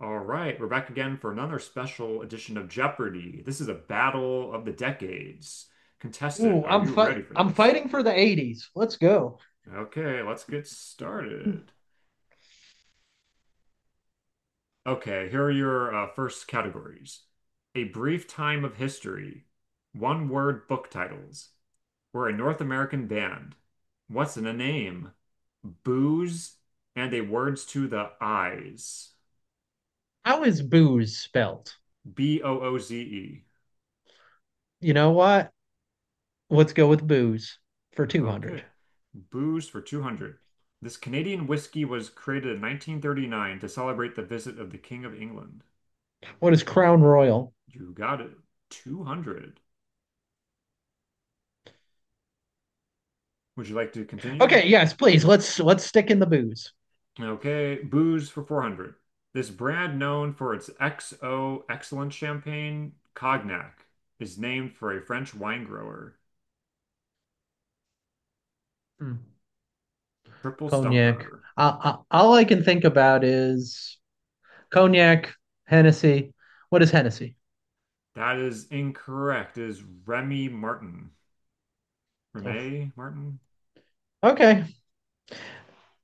All right, we're back again for another special edition of Jeopardy! This is a battle of the decades. Contestant, Ooh, are I'm you fi- ready for I'm this? fighting for the 80s. Let's go. Okay, let's get started. Okay, here are your first categories. A brief time of history, one word book titles. We're a North American band. What's in a name? Booze and a words to the eyes. How is booze spelt? Booze. You know what? Let's go with booze for Okay. 200. Booze for 200. This Canadian whiskey was created in 1939 to celebrate the visit of the King of England. What is Crown Royal? You got it. 200. Would you like to continue? Okay, yes, please. Let's stick in the booze. Okay. Booze for 400. This brand known for its XO excellent champagne, Cognac, is named for a French wine grower. Hmm. Triple Cognac. Stumper. All I can think about is cognac, Hennessy. What is Hennessy? That is incorrect. It is Remy Martin. Oh, Remy Martin? okay.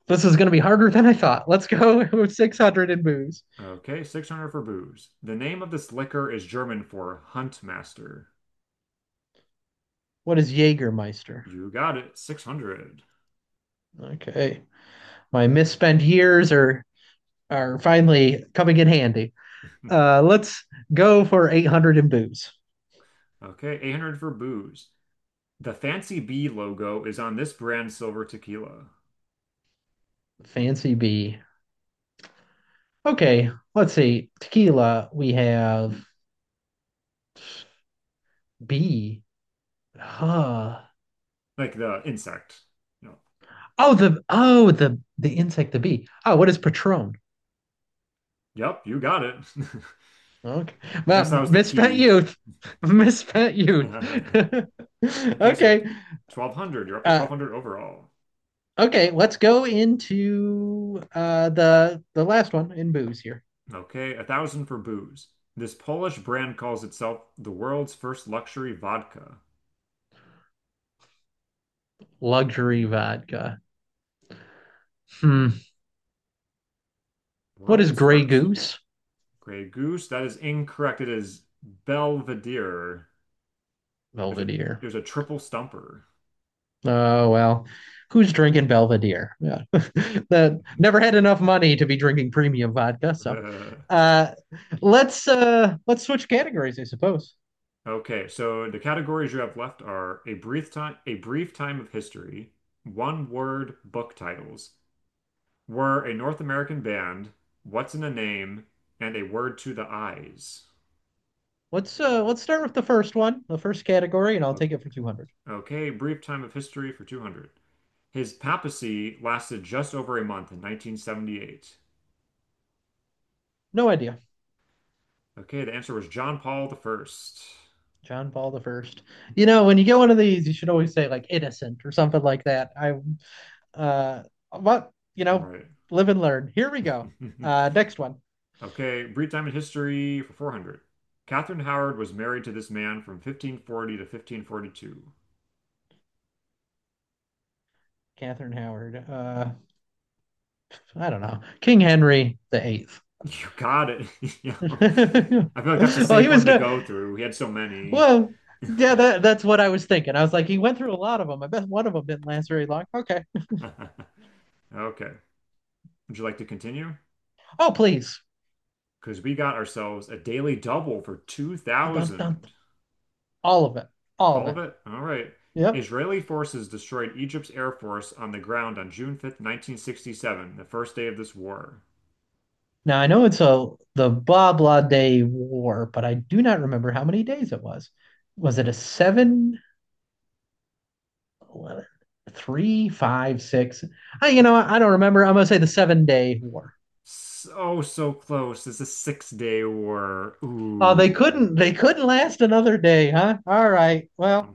This is going to be harder than I thought. Let's go with 600 in booze. Okay, 600 for booze. The name of this liquor is German for Hunt Master. What is Jägermeister? You got it, 600. Okay. My misspent years are finally coming in handy. Let's go for 800 in booze. Okay, 800 for booze. The Fancy Bee logo is on this brand silver tequila. Fancy B. Okay, let's see. Tequila, we have B. Huh. Like the insect. No. Oh, the insect, the bee. Oh, what is Patron? Yep, you got it. Okay, I guess that well, was the misspent key. youth, misspent youth. Okay, so okay, 1,200. You're up to uh, 1,200 overall. okay. Let's go into the last one in booze here. Okay, 1,000 for booze. This Polish brand calls itself the world's first luxury vodka. Luxury vodka. Hmm. What is World's Grey first. Goose? Grey Goose. That is incorrect. It is Belvedere. There's a Belvedere. there's a triple stumper. Oh well, who's drinking Belvedere? Yeah, that never had enough money to be drinking premium vodka. So, uh, let's switch categories, I suppose. Okay, so the categories you have left are a brief time of history, one word book titles, were a North American band, what's in a name, and a word to the eyes. Let's start with the first one, the first category, and I'll O- take it for 200. Okay, brief time of history for 200. His papacy lasted just over a month in 1978. No idea. Okay, the answer was John Paul the First. John Paul the First. When you get one of these, you should always say like innocent or something like that. Uh, but Right. live and learn. Here we go. Next one. Okay, brief time in history for 400. Catherine Howard was married to this man from 1540 to 1542. Catherine Howard. I don't know, King Henry the Eighth. You got it. You know, I feel like that's a Well, he safe was one to no. go through. He had so many. Well, yeah, that's what I was thinking. I was like, he went through a lot of them. I bet one of them didn't last very long. Okay. Okay. Would you like to continue? Oh, please. Because we got ourselves a daily double for Dun, dun, dun. 2,000. All of it, all of All of it. it? All right. Yep. Israeli forces destroyed Egypt's air force on the ground on June 5th, 1967, the first day of this war. Now I know it's a the blah day war, but I do not remember how many days it was. Was it a seven, 11, three, five, six? I don't remember. I'm gonna say the 7-day war. So, so close. It's a 6-day war. Oh, they Ooh, couldn't they couldn't last another day, huh? All right. Well,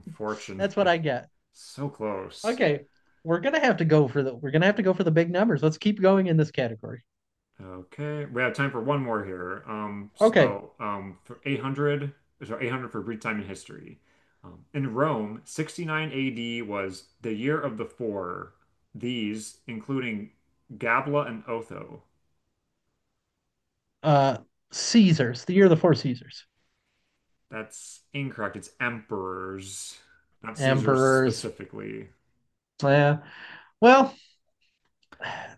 that's what I get. So close. Okay. We're gonna have to go for the big numbers. Let's keep going in this category. Okay, we have time for one more here. Um, Okay. so, for 800, so 800 for brief time in history. In Rome, 69 AD was the year of the four. These, including Gabla and Otho. Uh Caesars, the year of the four Caesars. That's incorrect. It's emperors, not Caesars Emperors. specifically. Yeah. Well,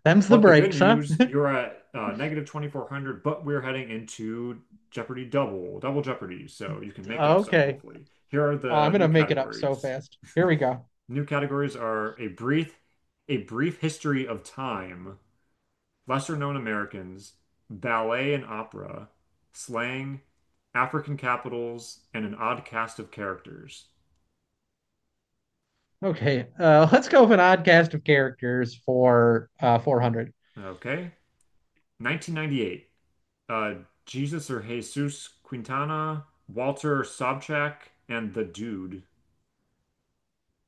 them's the But the good breaks, huh? news, you're at negative 2,400, but we're heading into Double Jeopardy, so you can make up some Okay. hopefully. Here are Oh, I'm the gonna new make it up so categories. fast. Here we go. New categories are a brief history of time, lesser known Americans, ballet and opera, slang, African capitals, and an odd cast of characters. Okay. Let's go with an odd cast of characters for 400. Okay, 1998. uh, Jesus or Jesus Quintana, Walter Sobchak, and The Dude.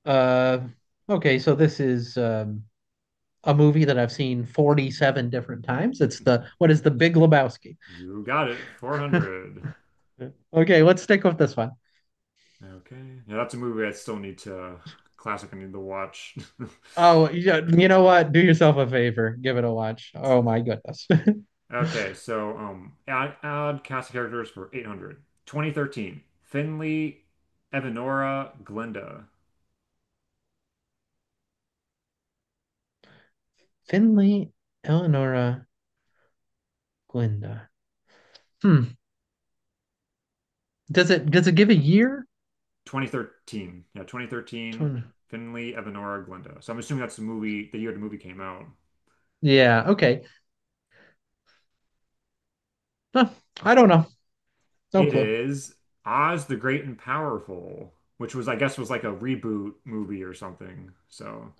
Uh okay, so this is a movie that I've seen 47 different times. It's the What is the Big Lebowski? You got it. 400. Okay, let's stick with this one. Okay. Yeah, that's a movie I still need to classic I need to watch. Oh, yeah, you know what? Do yourself a favor, give it a watch. Oh my goodness. Okay, so add cast of characters for 800. 2013, Finley, Evanora, Glenda. Finley, Eleonora, Glinda. Hmm. Does it give a year? 2013. Yeah, 2013, Finley, Evanora, Glenda. So I'm assuming that's the year the movie came out. Yeah, okay. No, I don't know. No It clue. is Oz the Great and Powerful, which I guess, was like a reboot movie or something. So,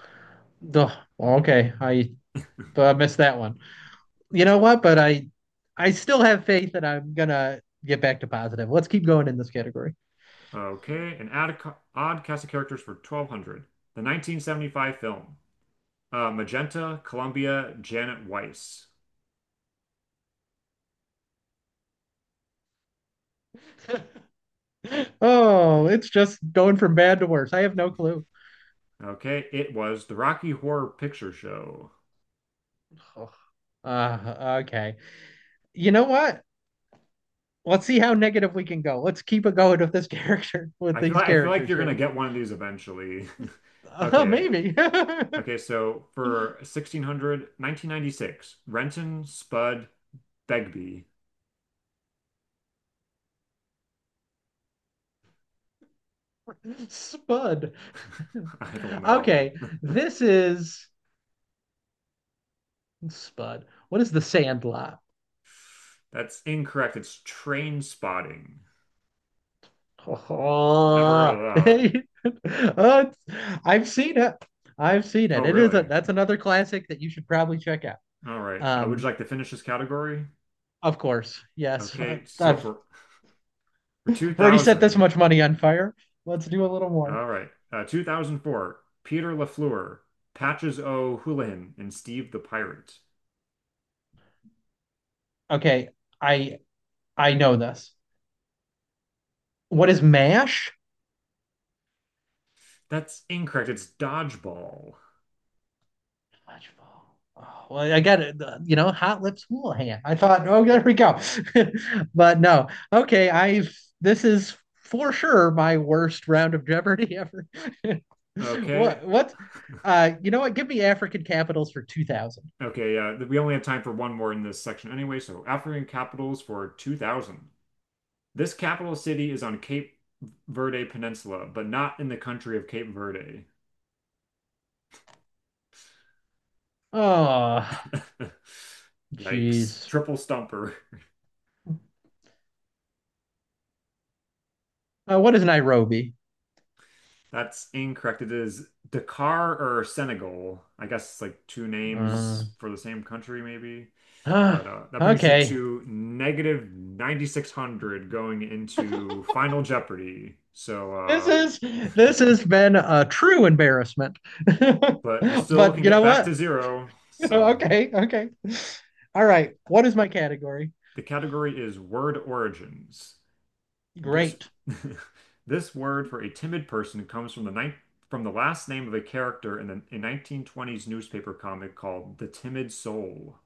Duh. Okay, I missed that one. You know what? But I still have faith that I'm gonna get back to positive. Let's keep going in this category. okay, and add odd cast of characters for 1,200. The 1975 film, Magenta, Columbia, Janet Weiss. Oh, it's just going from bad to worse. I have no clue. Okay, it was the Rocky Horror Picture Show. Ugh. Okay. You know what? Let's see how negative we can go. Let's keep it going with this character, with I feel these like, I feel like characters you're gonna here. get one of these eventually. Okay. Maybe. Okay, so for 1600, 1996, Renton Spud Begbie. Spud. I don't know, Okay, man. this is Spud. What is the Sandlot? That's incorrect. It's train spotting. Never heard of Oh, that. uh, I've seen it. I've seen Oh, it. It is a really? That's another classic that you should probably check out. All right. Would you Um, like to finish this category? of course, yes. I- Okay. So I've for already set this 2000, much money on fire. Let's do a little more. all right. 2004, Peter LaFleur, Patches O'Houlihan, and Steve the Pirate. Okay, I I know this. What is Mash? That's incorrect. It's dodgeball. Fudgefall. Oh, well, I got it. Hot Lips Houlihan. I thought, oh, there we go. But no, okay. I've This is for sure my worst round of Jeopardy ever. Okay. What? What? You know what? Give me African capitals for 2000. Okay. Yeah, we only have time for one more in this section anyway. So African capitals for 2000. This capital city is on Cape Verde Peninsula, but not in the country of Cape Verde. Oh, Yikes. jeez. Triple stumper. What is Nairobi? That's incorrect. It is Dakar or Senegal. I guess it's like two Uh, names for the same country, maybe. uh, But that brings you okay. to negative 9,600 going into Final Jeopardy. This So, is this has been a true embarrassment. but you still can But you get know back what? to zero. So Okay, okay. All right. What is my category? the category is word origins. This Great. this word for a timid person comes from the ninth from the last name of a character in a 1920s newspaper comic called The Timid Soul.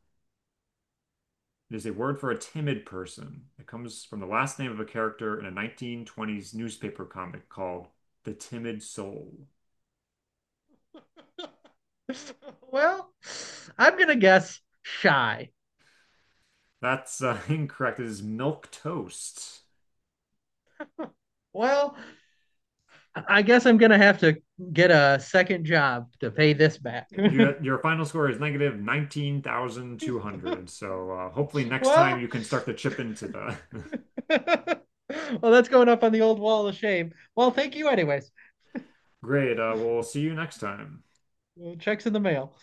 It is a word for a timid person. It comes from the last name of a character in a 1920s newspaper comic called The Timid Soul. Well, I'm gonna guess shy. That's incorrect. It is milk toast. Well, I guess I'm gonna have to get a second job to pay this back. well, Your final score is negative 19,200. So hopefully next time well, you can start to chip into the that's going up on the old wall of shame. Well, thank you, anyways. Great. We'll see you next time. Checks in the mail.